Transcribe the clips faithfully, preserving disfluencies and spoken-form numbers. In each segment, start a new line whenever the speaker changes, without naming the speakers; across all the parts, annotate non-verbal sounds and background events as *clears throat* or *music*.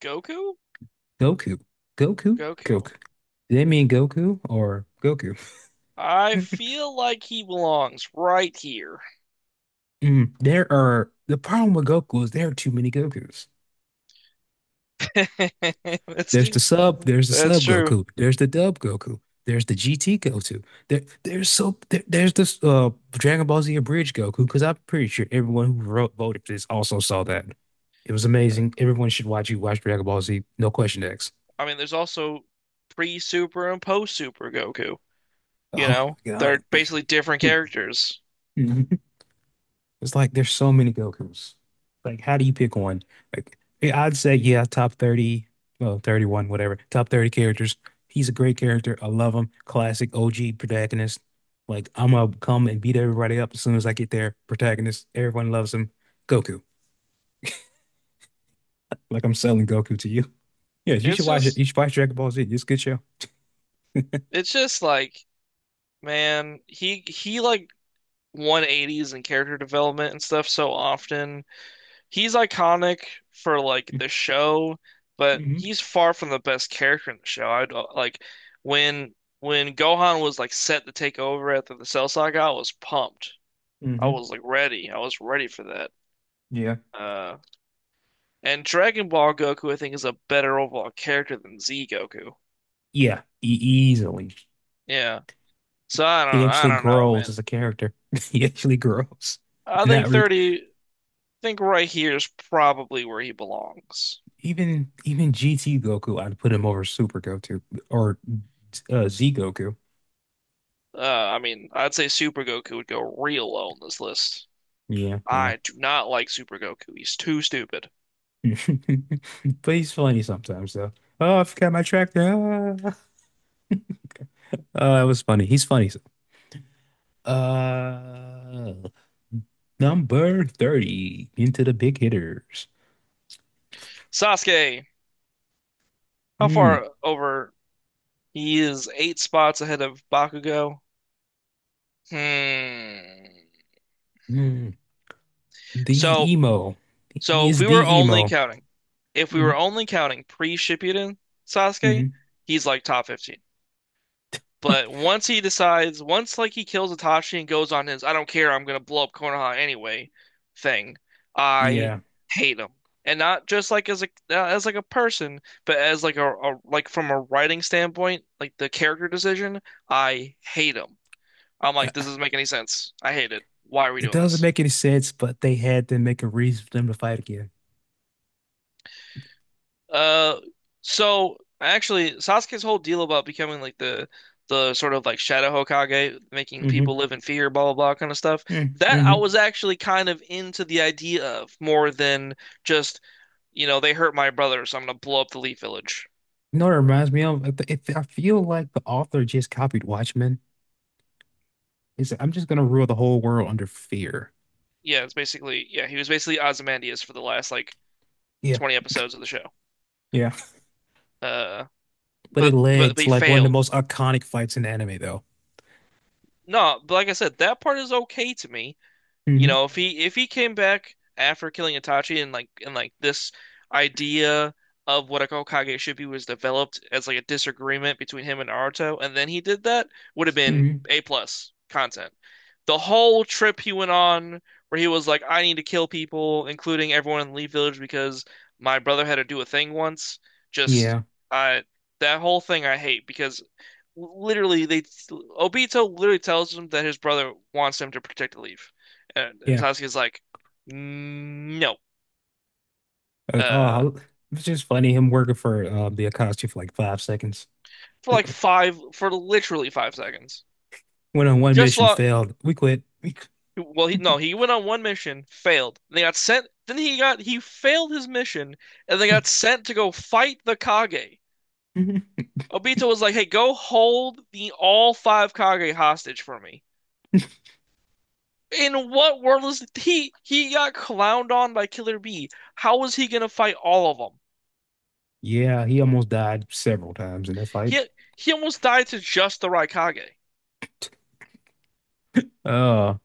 Goku?
Goku. Goku?
Goku.
Goku. Did they mean Goku or Goku?
I
*laughs*
feel like he belongs right here.
Mm, there are the problem with Goku is there are too many Gokus.
*laughs* That's
There's the sub, there's the
that's
sub
true.
Goku, there's the dub Goku, there's the G T Goku. There, there's so there, there's this uh Dragon Ball Z Abridged Goku because I'm pretty sure everyone who wrote, voted for this also saw that. It was amazing. Everyone should watch you watch Dragon Ball Z. No question X.
I mean, there's also pre-Super and post-Super Goku,
*laughs*
you
Oh
know?
my
They're basically different characters.
God. *laughs* It's like there's so many Gokus. Like, how do you pick one? Like, yeah, I'd say, yeah, top thirty, well, thirty-one, whatever, top thirty characters. He's a great character. I love him. Classic O G protagonist. Like, I'm gonna come and beat everybody up as soon as I get there. Protagonist, everyone loves him. Goku. Like, I'm selling Goku to you. *laughs* Yeah, you
It's
should watch it.
just
You should watch Dragon Ball Z. It's a good show.
it's just like, man, he he like one eighties in character development and stuff so often. He's iconic for like the show, but
Hmm.
he's far from the best character in the show. I'd uh, like when when Gohan was like set to take over after the Cell Saga, I was pumped. I
Hmm.
was like ready. I was ready for that.
Yeah.
Uh, and Dragon Ball Goku, I think, is a better overall character than Z Goku.
Yeah, e easily.
Yeah. So I
He
don't I
actually
don't know,
grows
man.
as a character. *laughs* He actually grows.
I
And that
think
re
thirty, I think right here is probably where he belongs.
even even G T Goku, I'd put him over Super Goku or uh, Z Goku.
Uh, I mean, I'd say Super Goku would go real low on this list.
Yeah, yeah.
I do not like Super Goku. He's too stupid.
*laughs* But he's funny sometimes though. Oh, I forgot my track there. Ah. Oh, that was funny. He's funny. Uh, Number thirty into the big hitters.
Sasuke, how
Mm,
far over? He is eight spots ahead of Bakugo. Hmm.
mm. The
So,
emo. He
so if
is
we were
the
only
emo.
counting, if we
Hmm.
were only counting pre-Shippuden Sasuke,
Hmm.
he's like top fifteen. But once he decides, once like he kills Itachi and goes on his "I don't care, I'm gonna blow up Konoha anyway" thing, I
Yeah.
hate him, and not just like as a uh, as like a person, but as like a, a like from a writing standpoint, like the character decision, I hate him. I'm
Uh,
like, this doesn't make any sense. I hate it. Why are we
it
doing
doesn't
this?
make any sense, but they had to make a reason for them to fight again.
Uh, so actually, Sasuke's whole deal about becoming like the the sort of like Shadow Hokage, making people
Mm-hmm.
live in fear, blah blah blah, kind of stuff. That I
Mm-hmm.
was actually kind of into the idea of more than just, you know, they hurt my brother, so I'm gonna blow up the Leaf Village.
You know what it reminds me of? It, it- I feel like the author just copied Watchmen. It's I'm just gonna rule the whole world under fear.
Yeah, it's basically yeah, he was basically Ozymandias for the last like
Yeah,
twenty episodes of the show.
yeah.
Uh,
But it
but but,
led
but he
to like one of the
failed.
most iconic fights in anime, though.
No, but like I said, that part is okay to me. You
Hmm.
know, if he if he came back after killing Itachi and like and like this idea of what a Hokage should be was developed as like a disagreement between him and Naruto, and then he did that, would have been
Hmm.
A plus content. The whole trip he went on where he was like, I need to kill people, including everyone in the Leaf Village because my brother had to do a thing once, just
Yeah,
I that whole thing I hate because literally they Obito literally tells him that his brother wants him to protect the leaf, and, and
yeah.
Sasuke's like, no,
Uh,
uh,
oh, it's just funny him working for uh, the Akatsuki for like five seconds.
for like
Went
five for literally five seconds.
on one
Just
mission,
long.
failed. We quit. We qu-
Well he no he went on one mission, failed. They got sent. Then he got he failed his mission, and they got sent to go fight the Kage.
Mhm.
Obito was like, "Hey, go hold the all five Kage hostage for me." In what world is he? He got clowned on by Killer B. How was he gonna fight all of them?
*laughs* Yeah, he almost died several times in that fight.
He he almost died to just the Raikage.
Oh,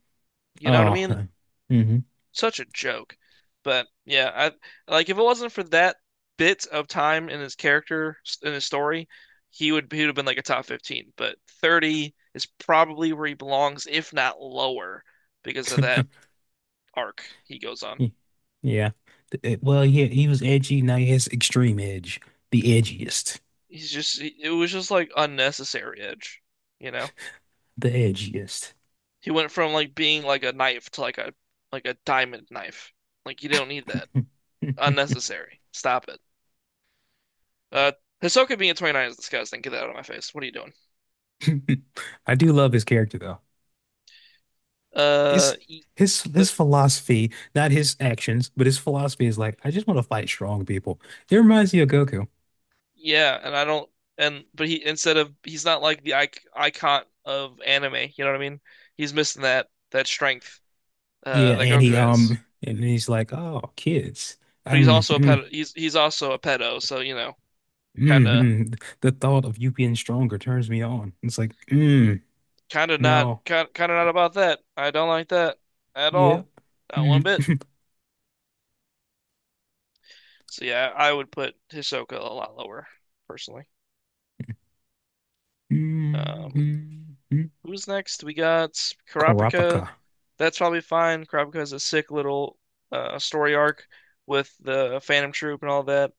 You know what I mean?
oh. *laughs* hmm.
Such a joke. But yeah, I like if it wasn't for that bit of time in his character in his story, he would he would have been like a top fifteen, but thirty is probably where he belongs, if not lower, because of that arc he goes on.
Y- Yeah. Th- uh, Well, yeah, he was edgy. Now he has extreme edge. The edgiest.
He's just it was just like unnecessary edge, you know?
The edgiest.
He went from like being like a knife to like a like a diamond knife. Like you don't need that. Unnecessary. Stop it. Uh, Hisoka being a twenty-nine is disgusting. Get that out of my face. What are you doing?
*laughs* I do love his character though. His
Uh, he-
his
the,
his philosophy, not his actions, but his philosophy is like, I just want to fight strong people. It reminds me of Goku.
yeah, and I don't and but he instead of he's not like the icon of anime. You know what I mean? He's missing that that strength uh
Yeah,
that
and he
Goku has.
um and he's like, oh, kids.
But he's
Um
also a
mm,
pedo. He's he's also a pedo. So you know, kind
mm,
of
mm. The thought of you being stronger turns me on. It's like, mm,
kind of not
no.
kind kind of not about that. I don't like that at
Yep.
all. Not one bit.
Mm,
So yeah, I would put Hisoka a lot lower, personally.
mm,
Um,
mm, mm.
who's next? We got Kurapika.
Kurapika.
That's probably fine. Kurapika has a sick little uh, story arc with the Phantom Troop and all that.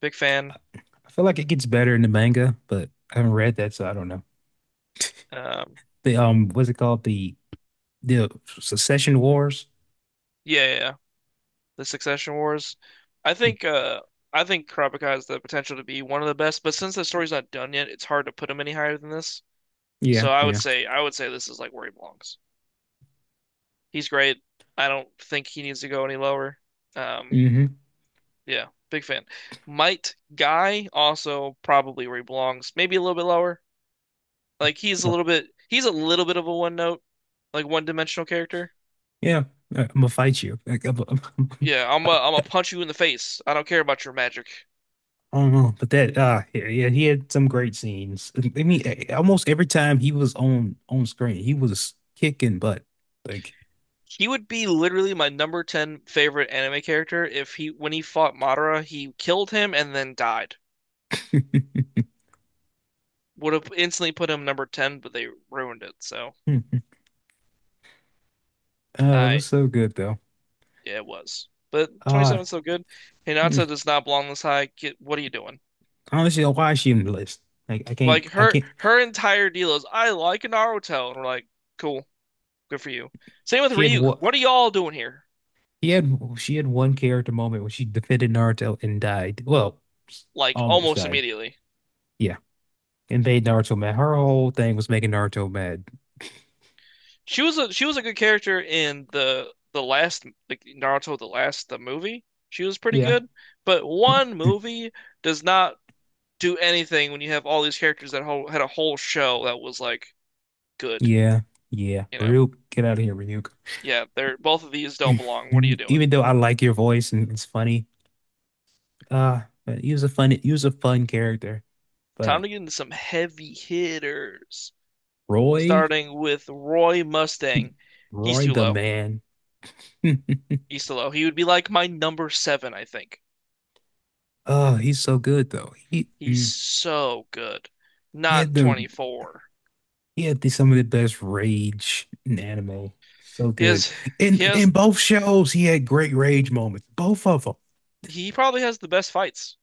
Big fan.
I feel like it gets better in the manga, but I haven't read that, so I don't know.
Um,
The um, what's it called? The the Secession Wars.
yeah, yeah, yeah. The Succession Wars. I think uh, I think Kurapika has the potential to be one of the best, but since the story's not done yet, it's hard to put him any higher than this.
Yeah,
So I would
yeah.
say I would say this is like where he belongs. He's great. I don't think he needs to go any lower. Um,
Mm-hmm.
Yeah, big fan. Might Guy also probably where he belongs. Maybe a little bit lower. Like he's a
Well,
little bit he's a little bit of a one note, like one dimensional character.
yeah. I'm gonna fight you. *laughs* Like, I'm- I'm-
Yeah, I'm a, am a punch you in the face. I don't care about your magic.
I don't know, but that uh, yeah, yeah, he had some great scenes. I mean, eh, almost every time he was on on screen, he was kicking butt. Like,
He would be literally my number ten favorite anime character if he when he fought Madara, he killed him and then died. Would have instantly put him number ten, but they ruined it. So,
hmm. Uh, it
I
was so good though.
yeah, it was. But
Uh,
twenty-seven is still good. Hinata
hmm.
does not belong this high. Get what are you doing?
I honestly, don't know why is she on the list? Like, I can't,
Like
I
her
can't.
her entire deal is I like Naruto, and we're like, cool, good for you. Same with
She had
Ryuk.
what?
What are y'all doing here?
He had she had one character moment when she defended Naruto and died. Well,
Like
almost
almost
died.
immediately.
Yeah, and made Naruto mad. Her whole thing was making Naruto mad.
She was a she was a good character in the the last like Naruto the last the movie. She was pretty
Yeah,
good, but
yeah,
one movie does not do anything when you have all these characters that whole, had a whole show that was like good,
yeah. Yeah.
you know.
Ryuk, get out of here, Ryuk.
Yeah, they're both of these don't belong. What are you
*clears throat*
doing?
Even though I like your voice and it's funny, uh, but he was a fun he was a fun character.
Time
But
to get into some heavy hitters.
Roy,
Starting with Roy Mustang.
*laughs*
He's
Roy
too
the
low.
man. *laughs*
He's too low. He would be like my number seven, I think.
Oh, he's so good though. He
He's
mm,
so good.
he had
Not
the
twenty-four.
He had the, some of the best rage in anime. So
He
good.
has
In
he
in
has
both shows, he had great rage moments. Both of them.
he probably has the best fights,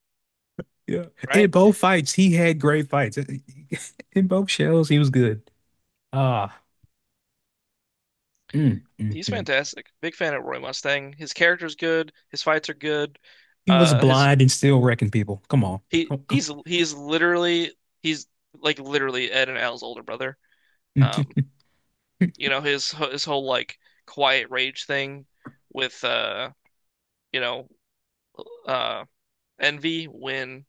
Yeah.
right?
In both fights, he had great fights. *laughs* In both shows, he was good. Ah, mm, mm,
He's
mm.
fantastic. Big fan of Roy Mustang. His character's good. His fights are good.
He was
Uh, his
blind and still wrecking people. Come on.
he
Come, come.
he's he's literally he's like literally Ed and Al's older brother.
*laughs*
Um,
Mhm.
you know his his whole like quiet rage thing with uh you know uh Envy when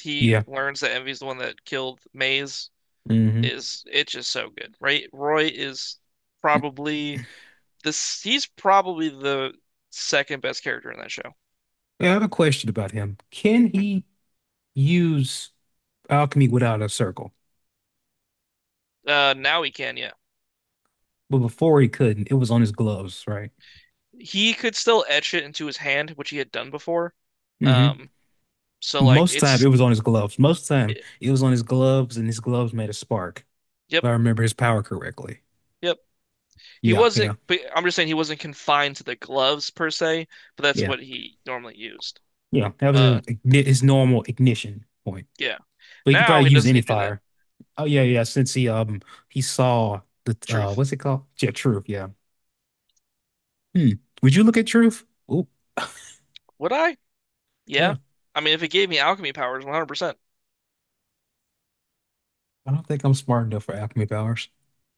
he
Yeah.
learns that Envy's the one that killed Maze
Hmm.
is it's just so good, right? Roy is probably this he's probably the second best character in that show.
I have a question about him. Can he use alchemy without a circle?
Uh now he can, yeah.
But before he couldn't, it was on his gloves, right?
He could still etch it into his hand, which he had done before.
Hmm.
Um, so like
Most time it
it's
was on his gloves. Most time
it-
it was on his gloves, and his gloves made a spark, if
yep,
I remember his power correctly.
yep. He
Yeah, yeah,
wasn't but I'm just saying he wasn't confined to the gloves per se, but that's
yeah,
what he normally used.
yeah. That was his,
Uh
igni- his normal ignition point.
yeah.
But he could
Now
probably
he
use
doesn't
any
need to do that.
fire. Oh yeah, yeah. Since he um he saw the uh
Truth.
what's it called? Yeah, truth. Yeah. Hmm. Would you look at truth? Oh
Would I? Yeah.
yeah.
I mean, if it gave me alchemy powers, one hundred percent.
I don't think I'm smart enough for alchemy powers.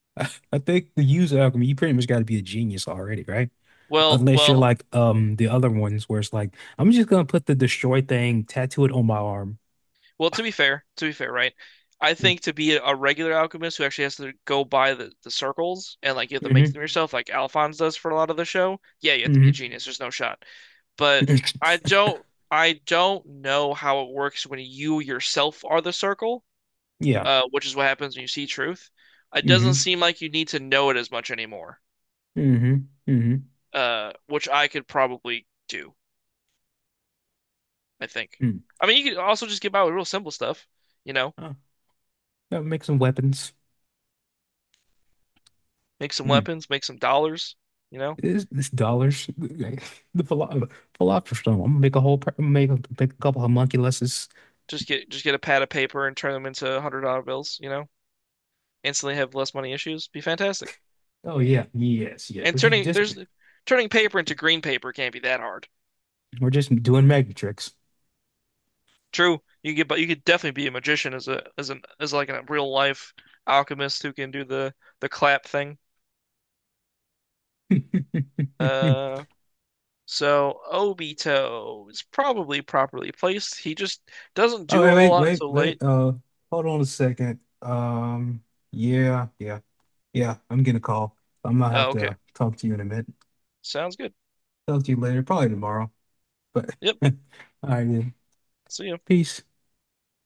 *laughs* I think to use alchemy, you pretty much got to be a genius already, right?
Well,
Unless you're
well,
like um the other ones where it's like, I'm just gonna put the destroy thing, tattoo it on my arm.
well, to be fair, to be fair, right? I
Yeah.
think to be a regular alchemist who actually has to go by the, the circles and like you have to make
Mm-hmm.
them yourself, like Alphonse does for a lot of the show, yeah, you have to be
Mm-hmm.
a genius. There's no shot. But I
*coughs*
don't I don't know how it works when you yourself are the circle,
*laughs* Yeah.
uh, which is what happens when you see truth. It doesn't
Mm-hmm.
seem like you need to know it as much anymore,
Mm-hmm. Mm-hmm.
uh, which I could probably do. I think.
Mm.
I mean, you could also just get by with real simple stuff, you know,
Huh. That make some weapons.
make some
Mm.
weapons, make some dollars, you know,
It's, it's dollars. *laughs* The philo philosopher's stone. I'm gonna make a whole per- make a, make a couple homunculuses.
just get just get a pad of paper and turn them into hundred dollar bills, you know, instantly have less money issues. Be fantastic.
Oh yeah. Yes, yes.
And
We're just,
turning
just
there's turning paper into green paper can't be that hard.
we're just doing magic tricks. *laughs*
True, you could get, but you could definitely be a magician as a as an as like a real life alchemist who can do the the clap thing. Uh, so Obito is probably properly placed. He just doesn't
Oh
do a whole
wait, wait,
lot
wait,
until late.
wait. Uh, hold on a second. Um, yeah, yeah. Yeah, I'm gonna call. I'm gonna have
Oh, okay.
to talk to you in a minute.
Sounds good.
Talk to you later, probably tomorrow. But
Yep.
*laughs* all right, then.
See ya.
Peace.